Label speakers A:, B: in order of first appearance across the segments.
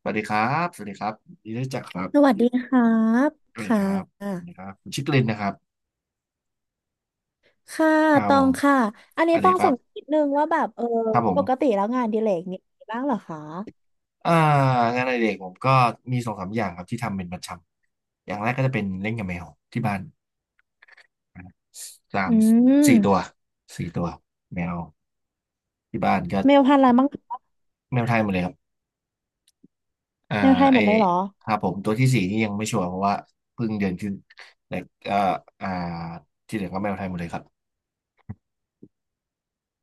A: สวัสดีครับสวัสดีครับยินดีได้จักครั
B: สวั
A: บ
B: สดีครับ
A: สวัสดี
B: ค่
A: ครับส
B: ะ
A: วัสดีครับผมชื่อกลินนะครับ
B: ค่ะ
A: ครั
B: ต
A: บ
B: อ
A: ผ
B: ง
A: ม
B: ค่ะ อัน
A: ส
B: นี้
A: วัสดี
B: ต้อง
A: ค
B: ส
A: รั
B: งสัย
A: บ
B: นิดนึงว่าแบบ
A: ครับผ
B: ป
A: ม
B: กติแล้วงานอดิเลกเนี่ยมีบ้างเหรอคะ
A: อ่างานอดิเรกผมก็มีสองสามอย่างครับที่ทำเป็นประจำอย่างแรกก็จะเป็นเล่นกับแมวที่บ้านนะครับสาม
B: อื
A: สี่ตัว
B: ม
A: สี่ตัวแมวที่บ้านก็
B: เมลพันธุ์อะไรบ้างคะ
A: แมวไทยหมดเลยครับอ่า
B: เมลไทยห
A: ไอ
B: มดเลยเหรอ
A: ครับผมตัวที่สี่นี่ยังไม่ชัวร์เพราะว่าเพิ่งเดือนขึ้นแต่ก็อ่าที่เหลือก็แมวไทยหมดเลยครับ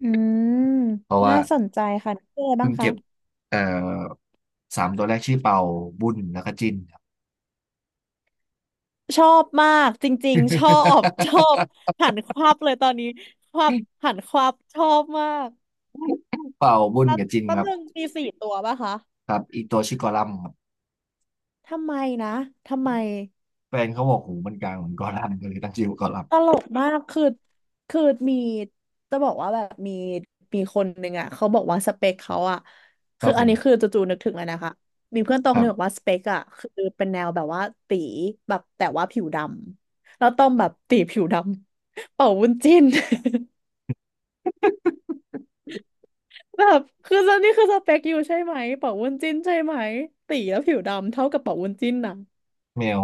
B: อืม
A: เพราะว่า
B: น่าสนใจค่ะชื่ออะไรบ้า
A: เพิ่
B: ง
A: ง
B: คะ
A: เก็บเอ่อสามตัวแรกชื่อเป่าบุญแล้วก็จินครับ
B: ชอบมากจริงๆ ชอบ ชอบหันควับเลยตอนนี้ควับหันควับชอบมาก
A: เป่าบุญ
B: แล้ว
A: กับจิน
B: แป๊
A: ค
B: บ
A: รับ
B: นึงมีสี่ตัวป่ะคะ
A: ครับอีกตัวชื่อกอลัมครับ
B: ทำไมนะ ทำไม
A: แฟนเขาบอกหูมันกลางเหมือนกอลัมก็เลยตั้งชื่อว่ากอลัม
B: ตลกมากคือมีจะบอกว่าแบบมีคนหนึ่งอ่ะเขาบอกว่าสเปคเขาอ่ะ
A: ค
B: คื
A: รั
B: อ
A: บผ
B: อันนี้คือ
A: ม
B: จู่ๆนึกถึงเลยนะคะมีเพื่อนโต
A: ค
B: คน
A: รั
B: หนึงบอก
A: บ
B: ว่าสเปคอ่ะคือเป็นแนวแบบว่าตีแบบแต่ว่าผิวดำแล้วต้องแบบตีผิวดำเป่าวุ้นจิ้น แบบคือตอนนี้คือสเปคอยู่ใช่ไหมเป่าวุ้นจิ้นใช่ไหมตีแล้วผิวดำเท่ากับเป่าวุ้นจิ้นนะ
A: แมว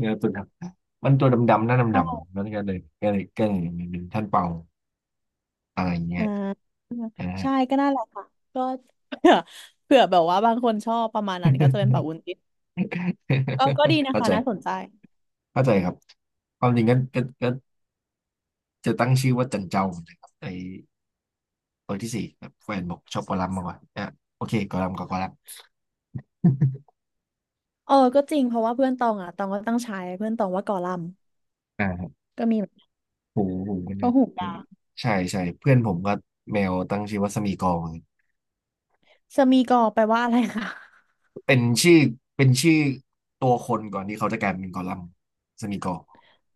A: แมวตัวดำมันตัวดำๆหน้าดำๆแล้วก็เลยก็เลยเป็นท่านเป่าอะไรอย่างเงี้
B: อ่
A: ย
B: า
A: นะฮะ
B: ใช่ก็น่าแหละค่ะก็ เผื่อแบบว่าบางคนชอบประมาณนั้นก็จะเป็นปะวุ้นจิ้นก็ดี นะ
A: เข้า
B: คะน่าส
A: ใจ
B: นใจ
A: เข้าใจครับความจริงก็จะตั้งชื่อว่าจันเจ้าเหมือนกันครับไอ เปิดที่สี่แบบแฟนบอกชอบกอลัมน์มากกว่าอ่ะโอเคกอลัมน์กับก อลัมน์
B: เออก็จริงเพราะว่าเพื่อนตองอ่ะตองก็ตั้งฉายเพื่อนตองว่ากอลัมน์
A: อ่าครับ
B: ก็มีเหมือน
A: โหูหูมันเล
B: ก็
A: ย
B: หู
A: เอื
B: กา
A: ใช่ใช่เพื่อนผมก็แมวตั้งชื่อว่าสมีกอร์เหมือนกัน
B: สมีกอแปลว่าอะไรคะ
A: เป็นชื่อเป็นชื่อตัวคนก่อนที่เขาจะกลายเป็นกอลัมน์สมีกอร์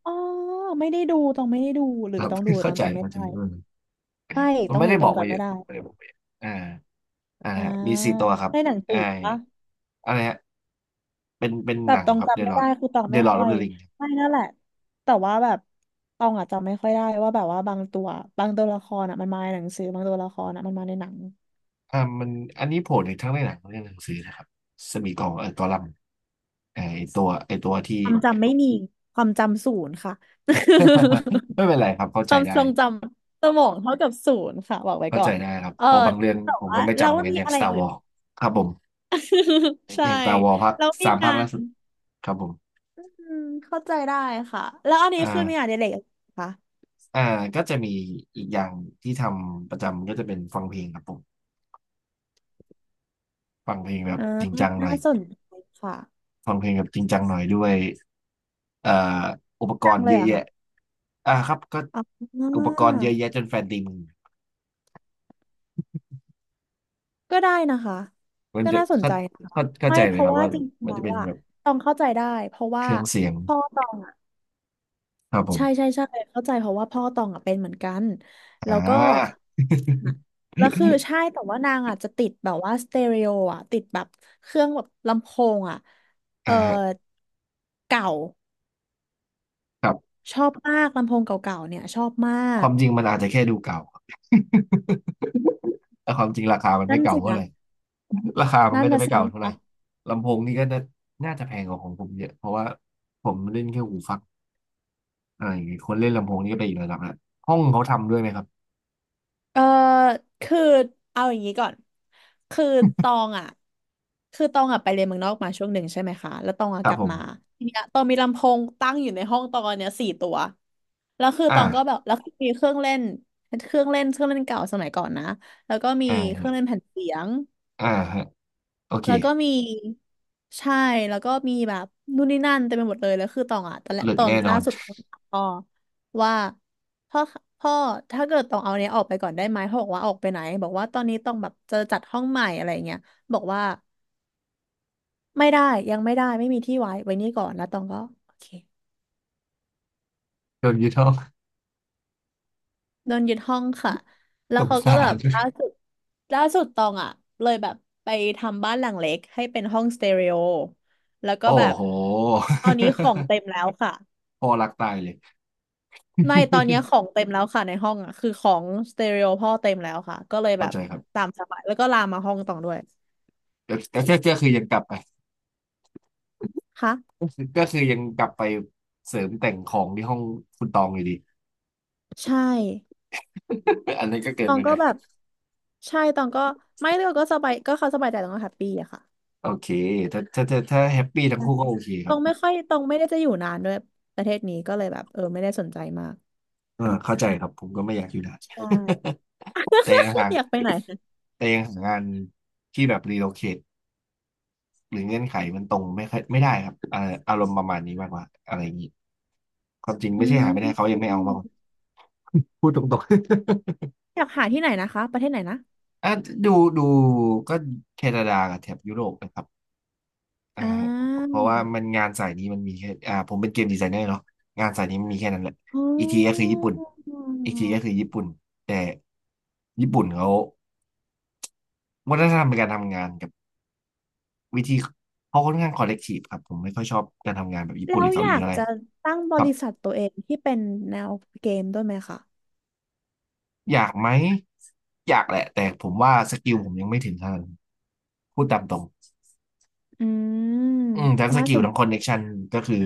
B: อ๋อไม่ได้ดูตองไม่ได้ดูหรื
A: ค
B: อ
A: รับ
B: ต้องดู ต
A: เข้า
B: อง
A: ใจ
B: จำไม่
A: เข้าใจ
B: ได้
A: เออ
B: ไม่
A: มัน
B: ต้อง
A: ไม่
B: ดู
A: ได้
B: ต
A: บ
B: อ
A: อ
B: ง
A: กไป
B: จำ
A: เย
B: ไม่
A: อะ
B: ได้
A: ไม่ได้บอกไปเยอะอ่าอ่า
B: อ่า
A: มีสี่ตัวครับ
B: ในหนัง
A: ไอ
B: สือปะ
A: อะไรฮะเป็น
B: แบ
A: ห
B: บ
A: นัง
B: ตอง
A: ครับเด
B: จำไม่
A: ลอ
B: ได้
A: ด
B: คือตอง
A: เด
B: ไม่
A: ลอ d ์อ
B: ค่อ
A: อฟ
B: ย
A: เดอะริง
B: ไม่นั่นแหละแต่ว่าแบบตองอะจำไม่ค่อยได้ว่าแบบว่าบางตัวบางตัวละครอะมันมาในหนังสือบางตัวละครอะมันมาในหนัง
A: อ่ามันอันนี้โผล่ในทั้งในหนังและในหนังสือนะครับสมีกองเออกอลัมน์ไอตัวที่
B: ความจำไม่มีความจำศูนย์ค่ะ
A: ไม่เป็นไรครับเข้า
B: ค
A: ใจ
B: วาม
A: ได้
B: ทรงจำสมองเท่ากับศูนย์ค่ะบอกไว้
A: เข้า
B: ก่อ
A: ใจ
B: น
A: ได้ครับ
B: เออ
A: เพราะบางเรื่อง
B: แต่
A: ผม
B: ว่า
A: ก็ไม่
B: เรา
A: จำเหมือ
B: ว่า
A: นกัน
B: มี
A: อย่าง
B: อะไร
A: Star
B: อื่น
A: Wars ครับผม
B: ใช่
A: อย่าง Star Wars ภาค
B: แล้วมี
A: สาม
B: งา
A: ภาคล่า
B: น
A: สุดครับผม
B: อืมเข้าใจได้ค่ะแล้วอัน
A: อ
B: นี้คือมีงานอ
A: ่า
B: ดิเรกอะไรไหมคะ
A: อ่าก็จะมีอีกอย่างที่ทำประจำก็จะเป็นฟังเพลงครับผมฟังเพลงแบบ
B: อ่า
A: จริงจังหน่
B: น่า
A: อย
B: สนใจค่ะ
A: ฟังเพลงแบบจริงจังหน่อยด้วยเอ่ออุปก
B: จั
A: ร
B: ง
A: ณ์
B: เล
A: เย
B: ยเห
A: อะ
B: ร
A: แยะ
B: อะ
A: อ่าครับก็
B: อ๋า
A: อุปกรณ์เยอะแยะจนแฟนตีมึง
B: ก็ได้นะคะ
A: มัน
B: ก็
A: จะ
B: น่าสน
A: เข้า
B: ใจนะคะ
A: เข้า
B: ไม่
A: ใจ
B: เพ
A: เลยค
B: ราะ
A: รับ
B: ว่า
A: ว่า
B: จริงๆ
A: มัน
B: แล้
A: จะ
B: ว
A: เป็น
B: อะ
A: แบบ
B: ตองเข้าใจได้เพราะ
A: เค
B: ว่า
A: รื่องเสียง
B: พ่อตองอะ
A: ครับผ
B: ใช่
A: ม
B: ใช่ใช่เข้าใจเพราะว่าพ่อตองอะเป็นเหมือนกัน
A: อ่
B: แล้วก็
A: า
B: อะแล้วคือใช่ แต่ว่านางอะจะติดแบบว่าสเตอริโออะติดแบบเครื่องแบบลำโพงอะเอ
A: อ่า
B: อ
A: ฮะ
B: เก่า
A: ครับ
B: ชอบมากลำโพงเก่าๆเนี่ยชอบมา
A: ค
B: ก
A: วามจริงมันอาจจะแค่ดูเก่า แต่ความจริงราคามัน
B: นั่
A: ไม่
B: น
A: เก่า
B: สิ
A: เท่า
B: นะ
A: ไหร่ราคามัน
B: นั่น
A: ก็จะ
B: น่ะ
A: ไม่
B: สิ
A: เก่า
B: นะ
A: เท่าไหร่
B: คะ
A: ลำโพงนี่ก็น่าน่าจะแพงกว่าของผมเยอะเพราะว่าผมเล่นแค่หูฟังอะไรอย่างงี้คนเล่นลำโพงนี่ก็ไปอีกระดับละห้องเขาทำด้วยไหมครับ
B: เออคือเอาอย่างนี้ก่อนคือตองอ่ะคือตองอ่ะไปเรียนเมืองนอกมาช่วงหนึ่งใช่ไหมคะแล้วตองอ่ะ
A: ค
B: ก
A: รับ
B: ลับ
A: ผ
B: มา
A: ม
B: ทีเนี้ยตองมีลำโพงตั้งอยู่ในห้องตองเนี้ยสี่ตัวแล้วคือต
A: อ่า
B: องก็แบบแล้วคือมีเครื่องเล่นเครื่องเล่นเก่าสมัยก่อนนะแล้วก็มี
A: อ่า
B: เครื่อ
A: ฮะ
B: งเล่นแผ่นเสียง
A: อ่าฮะโอเค
B: แล้วก็มีใช่แล้วก็มีแบบนู่นนี่นั่นเต็มไปหมดเลยแล้วคือตองอ่ะตอนแรก
A: เลิ
B: ต
A: ก
B: อน
A: แน่น
B: ล่า
A: อน
B: สุดตองถามพ่อว่าพ่อพ่อถ้าเกิดตองเอาเนี้ยออกไปก่อนได้ไหมพ่อบอกว่าออกไปไหนบอกว่าตอนนี้ต้องแบบจะจัดห้องใหม่อะไรเงี้ยบอกว่าไม่ได้ยังไม่ได้ไม่มีที่ไว้ไว้นี่ก่อนแล้วตองก็โอเค
A: โดนยึดห้อง
B: โดนยึดห้องค่ะแล้
A: ส
B: ว
A: ง
B: เขาก็
A: สา
B: แบบ
A: ร
B: ล่าสุดล่าสุดตองอ่ะเลยแบบไปทำบ้านหลังเล็กให้เป็นห้องสเตอริโอแล้วก็
A: โอ้
B: แบบ
A: โห
B: ตอนนี้ของเต็มแล้วค่ะ
A: พ่อรักตายเลย
B: ไม่ตอนเนี้ยขอ งเต็มแล้วค่ะในห้องอ่ะคือของสเตอริโอพ่อเต็มแล้วค่ะก็เลยแบ
A: เข้า
B: บ
A: ใจครับ
B: ตามสบายแล้วก็ลามมาห้องตองด้วย
A: แต่แค่ก็คือยังกลับไป
B: ค่ะ
A: ก็คือยังกลับไปเสริมแต่งของที่ห้องคุณตองอยู่ดี
B: ใช่
A: อันนี้นก็เกิ
B: ต
A: น
B: อง
A: ไปห
B: ก็
A: น่อย
B: แบบใช่ตองก็ไม่เลือกก็สบายก็เขาสบายใจตองก็แฮปปี้อะค่ะ
A: โอเคถ้าแฮปปี้ทั้งคู่ก็โอเคค
B: ต
A: รั
B: อ
A: บ
B: งไม่ค่อยตองไม่ได้จะอยู่นานด้วยประเทศนี้ก็เลยแบบเออไม่ได้สนใจมาก
A: เออเข้าใจครับผมก็ไม่อยากอยู่นาน
B: ใช่
A: แต่ยังหา ง
B: อยากไปไหนคะ
A: แต่ยังหางานที่แบบรีโลเคทหรือเงื่อนไขมันตรงไม่ค่อยไม่ได้ครับอารมณ์ประมาณนี้มากกว่าอะไรอย่างนี้ความจริง
B: อื
A: ไม่ใช่หาไม่ได้เขา
B: ม
A: ยังไม่เอามากกว่าพูดตรงๆ
B: อยากหาที่ไหนนะคะประเทศไหนนะ
A: อ่ะดูดูก็แคนาดากับแถบยุโรปนะครับอ่า
B: อ่า
A: เพราะว่ามันงานสายนี้มันมีแค่อ่าผมเป็นเกมดีไซเนอร์เนาะงานสายนี้มันมีแค่นั้นแหละ
B: อ๋อ
A: อีกทีก็คือญี่ปุ่นอีกทีก็คือญี่ปุ่นแต่ญี่ปุ่นเขาวัฒนธรรมในการทำงานกับวิธีเขาค่อนข้างคอลเลกทีฟครับผมไม่ค่อยชอบการทำงานแบบญี่
B: แล้
A: ปุ่นห
B: ว
A: รือ
B: อ
A: เกาห
B: ยา
A: ลี
B: ก
A: เท่าไหร่
B: จะตั้งบ
A: ครับ
B: ริษัทตัวเองที่เป็นแนวเกมด้วยไหมคะ
A: อยากไหมอยากแหละแต่ผมว่าสกิลผมยังไม่ถึงขนาดนั้นพูดตามตรง
B: อืม
A: อืมทั้งส
B: น่า
A: กิ
B: ส
A: ล
B: น
A: ทั้ง
B: ใจ
A: คอนเน็กชันก็คือ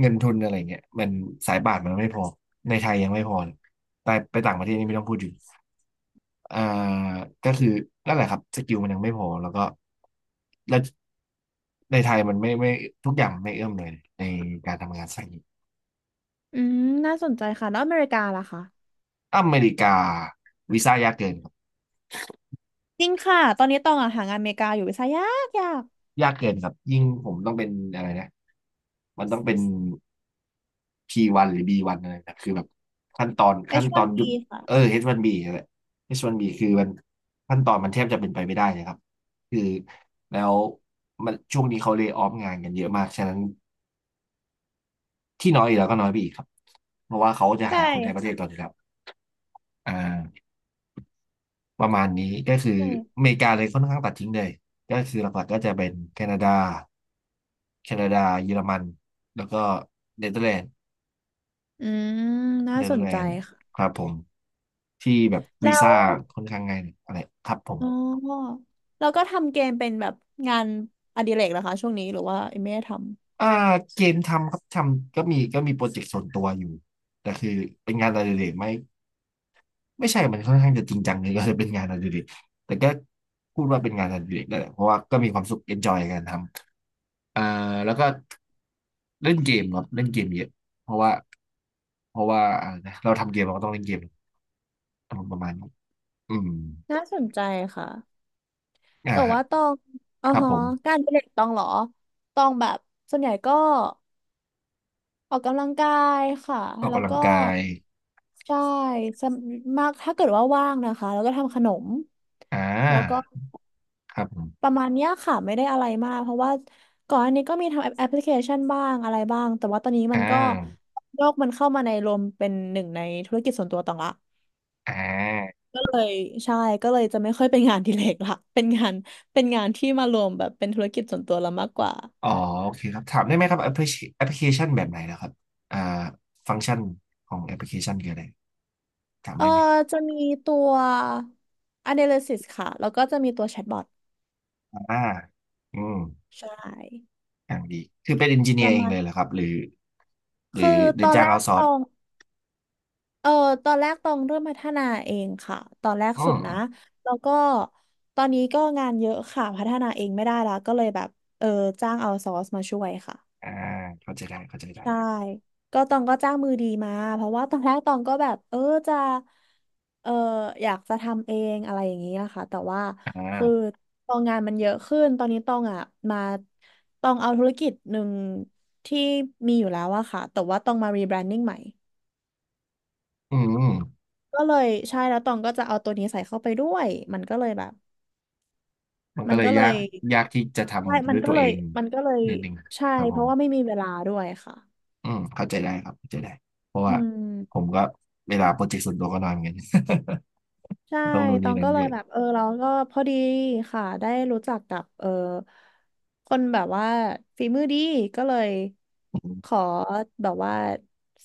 A: เงินทุนอะไรเงี้ยมันสายป่านมันไม่พอในไทยยังไม่พอเลยไปต่างประเทศนี่ไม่ต้องพูดถึงอ่าก็คือนั่นแหละครับสกิลมันยังไม่พอแล้วก็แล้วในไทยมันไม่ทุกอย่างไม่เอื้อมเลยในการทำงานสายนี้
B: อืมน่าสนใจค่ะแล้วอเมริกาล่ะคะ
A: อเมริกาวีซ่ายากเกินครับ
B: จริงค่ะ ตอนนี้ตองอะหางานอเมริกาอยู่วีซ่ายากยาก
A: ยากเกินครับยิ่งผมต้องเป็นอะไรนะมันต้องเป็น P1 หรือ B1 อะไรนะคือแบบขั้นตอนยุ
B: H1B
A: บ
B: ค่ะ
A: เออ H1B นบีนั่นแหละ H1B คือมันขั้นตอนมันแทบจะเป็นไปไม่ได้นะครับคือแล้วมันช่วงนี้เขาเล y o ออฟงานกันเยอะมากฉะนั้นที่น้อยอีกแล้วก็น้อยไปอีกครับเพราะว่าเขาจะ
B: ใช่
A: หาคนในประเทศก่อ
B: ค่ะ
A: นอยู่แล้วอ่าประมาณนี้ก็คือ
B: ใช่
A: อเมริกาเลยค่อนข้างตัดทิ้งเลยก็คือหลักๆก็จะเป็นแคนาดาเยอรมันแล้วก็เนเธอร์แลนด์
B: อืมน่า
A: เน
B: ส
A: เธอ
B: น
A: ร์แล
B: ใจ
A: นด์ค
B: ค่ะ
A: รับผมที่แบบ
B: แล้
A: วี
B: ว
A: ซ่าค่อนข้างง่ายหน่อยอะไรครับผม
B: อ๋อแล้วก็ทำเกมเป็นแบบงานอดิเรกเหรอคะช่วงนี้หรือว่าไม่ได้ท
A: อ่าเกมทำครับทำก็มีโปรเจกต์ส่วนตัวอยู่แต่คือเป็นงานอดิเรกไหม่ไม่ใช่มันค่อนข้างจะจริงจังเลยก็เลยเป็นงานอดิเรกแต่ก็พูดว่าเป็นงานอดิเรกได้แหละเพราะว่าก็มีความสุขเอนจอยกันทำแล้วก็เล่นเกมครับเล่นเกมเยอะเพราะว่าเพราะว่านะเราทำเกมเราก็ต้องเล่นเกมอารมณ์ประมาณนี้อืม
B: ำ น่าสนใจค่ะ แต่
A: ฮะ
B: ว่าตองอ๋อ
A: ครับ
B: ฮะ
A: ผม
B: การอดิเรกตองเหรอตองแบบส่วนใหญ่ก็ ออกกำลังกายค่ะ
A: ออก
B: แล้ว
A: กำลั
B: ก็
A: งกาย
B: ใช่สำมากถ้าเกิดว่าว่างนะคะ แล้วก็ทำขนม
A: อ่า
B: แล้วก็
A: ครับอม
B: ประมาณเนี้ยค่ะ ไม่ได้อะไรมาก เพราะว่าก่อนอันนี้ก็มีทำแอปพลิเคชันบ้างอะไรบ้าง แต่ว่าตอนนี้มั
A: อ่า
B: นก็โลกมันเข้ามาในรวมเป็นหนึ่งในธุรกิจส่วนตัวต่างละ
A: อ่า
B: ก็เลยใช่ ก็เลยจะไม่ค่อยเป็นงานอดิเรกละ เป็นงานที่มารวมแบบเป็นธุรกิจส่วนตัวละมากกว่า
A: อ๋อโอเคครับถามได้ไหมครับแอปพลิเคชันแบบไหนแล้วครับอ่าฟังก์ชันของแอปพลิเคชันคืออะไรถาม
B: เออ
A: ได้ไหม
B: จะมีตัว analysis ค่ะแล้วก็จะมีตัว chatbot
A: อ่าอืม
B: ใช่
A: อย่างดีคือเป็นเอนจิ
B: ป
A: เนีย
B: ระ
A: ร์เอง
B: มาณ
A: เลยเหรอครับหรือห
B: คื
A: รื
B: อ
A: อห
B: ต
A: รื
B: อ
A: อ
B: น
A: จ้า
B: แร
A: งเอา
B: ก
A: ซอ
B: ต
A: ร์ส
B: องเออตอนแรกตองเริ่มพัฒนาเองค่ะตอนแรก
A: อื
B: สุด
A: มอ
B: นะ
A: ม
B: แล้วก็ตอนนี้ก็งานเยอะค่ะพัฒนาเองไม่ได้ละก็เลยแบบเออจ้างเอาซอร์สมาช่วยค่ะ
A: อ่าเข้าใจได้
B: ใช่ก็ตองก็จ้างมือดีมาเพราะว่าตอนแรกตองก็แบบเออจะเอออยากจะทำเองอะไรอย่างนี้นะคะแต่ว่า
A: อ่า
B: คือตองงานมันเยอะขึ้นตอนนี้ตองอ่ะมาตองเอาธุรกิจหนึ่งที่มีอยู่แล้วอะค่ะแต่ว่าตองมารีแบรนดิ้งใหม่
A: อืม
B: ก็เลยใช่แล้วตองก็จะเอาตัวนี้ใส่เข้าไปด้วยมันก็เลยแบบ
A: มัน
B: มั
A: ก็
B: น
A: เล
B: ก็
A: ย
B: เลย
A: ยากที่จะ
B: ใช่
A: ทำ
B: มั
A: ด้
B: น
A: วย
B: ก็
A: ตัว
B: เล
A: เอ
B: ย
A: ง
B: มันก็เลย
A: นิดนึง
B: ใช่
A: ครับผ
B: เพ
A: ม
B: ราะว่าไม่มีเวลาด้วยค่ะ
A: อืมเข้าใจได้ครับเข้าใจได้เพราะ
B: อื
A: ว่าผม
B: ม
A: ก็เวลาโปรเจกต์ส่วนตัวก็น้อยเหมือนกัน
B: ใช่
A: ต้องดูน
B: ต
A: นี่
B: อง
A: นั่
B: ก็
A: น
B: เล
A: เย
B: ยแบบ
A: อะ
B: เราก็พอดีค่ะได้รู้จักกับคนแบบว่าฝีมือดีก็เลย
A: อื
B: ข
A: ม
B: อแบบว่า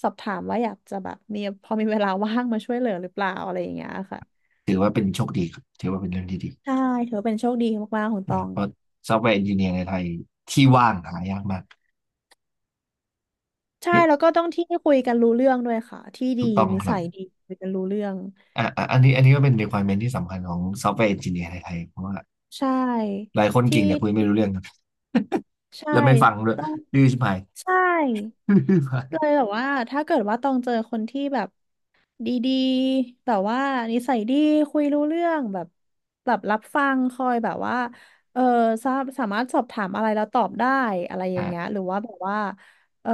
B: สอบถามว่าอยากจะแบบมีพอมีเวลาว่างมาช่วยเหลือหรือเปล่าอะไรอย่างเงี้ยค่ะ
A: ถือว่าเป็นโชคดีครับถือว่าเป็นเรื่องที่ดี
B: ใช่ถือว่าเป็นโชคดีมากๆของตอ
A: นะ
B: ง
A: เพราะซอฟต์แวร์เอนจิเนียร์ในไทยที่ว่างหายากมาก
B: ใช่แล้วก็ต้องที่คุยกันรู้เรื่องด้วยค่ะที่ดี
A: ถูกต้อง
B: นิ
A: ครั
B: สั
A: บ
B: ยดีคุยกันรู้เรื่อง
A: อ่ะอันนี้ก็เป็น requirement ที่สำคัญของซอฟต์แวร์เอนจิเนียร์ในไทยเพราะว่า
B: ใช่
A: หลายคน
B: ที่
A: เก่งแต่คุยไม่รู้เรื่องครับ
B: ใช่
A: แล้วไม่ฟังด้วย
B: ต้อง
A: ดื้อชิบหาย
B: ใช่
A: ดื้อชิบหาย
B: เลยแบบว่าถ้าเกิดว่าต้องเจอคนที่แบบดีๆแบบว่านิสัยดีคุยรู้เรื่องแบบแบบรับฟังคอยแบบว่าเออสาสามารถสอบถามอะไรแล้วตอบได้อะไรอย่าง
A: อ่ะ
B: เงี้ยหรือว่าแบบว่าเออ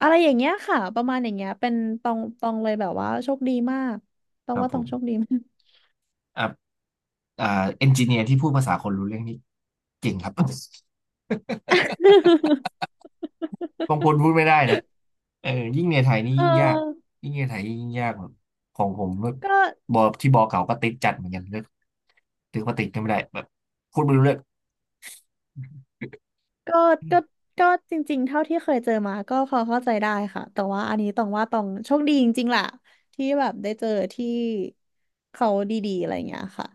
B: อะไรอย่างเงี้ยค่ะประมาณอย่างเงี้ยเป็นตองตองเลยแบบว่าโชคดีมากต้อ
A: ค
B: ง
A: รับ
B: ว่าต
A: ผ
B: อง
A: ม
B: โชคดี
A: อ่ะอ่าเอนจิเนียร์ที่พูดภาษาคนรู้เรื่องนี่เก่งครับ บางคนพูดไม่ได้นะเออยิ่งในไทยนี่
B: เอ
A: ยิ่งยาก
B: อ
A: ยิ่งในไทยยิ่งยากแบบของผมแบบ
B: ก็
A: บอที่บอเก่าก็ติดจัดเหมือนกันก็ถือว่าติดกันไม่ได้แบบพูดไม่รู้เรื่อง
B: ก็ก็ก็จริงๆ เท่าที่เคยเจอมาก็พอเข้าใจได้ค่ะแต่ว่าอันนี้ต้องว่าต้องโชคดีจริงๆแหละที่แบบได้เจอที่เขาดีๆอะไรอย่างเงี้ยค่ะ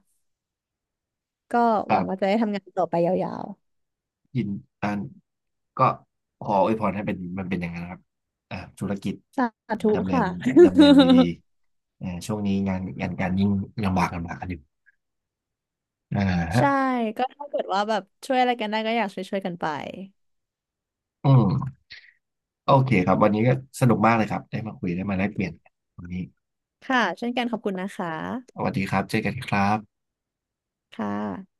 B: ก็
A: แบ
B: หวัง
A: บ
B: ว่าจะได้ทำงานต่อไปยาว
A: ยินอันก็ขออวยพรให้เป็นมันเป็นอย่างนั้นนะครับธุรกิจ
B: ๆสาธุ
A: ดำเนิน
B: ค่ะ
A: ดีๆช่วงนี้งานการยิ่งลำบากกันอยู่อ่าฮะ
B: ใช่ก็ถ้าเกิดว่าแบบช่วยอะไรกันได้ก็อยากช่วยๆกันไป
A: อืมโอเคครับวันนี้ก็สนุกมากเลยครับได้มาคุยได้มาแลกเปลี่ยนกันวันนี้
B: ค่ะเช่นกันขอบคุณนะคะ
A: สวัสดีครับเจอกันครับ
B: ค่ะ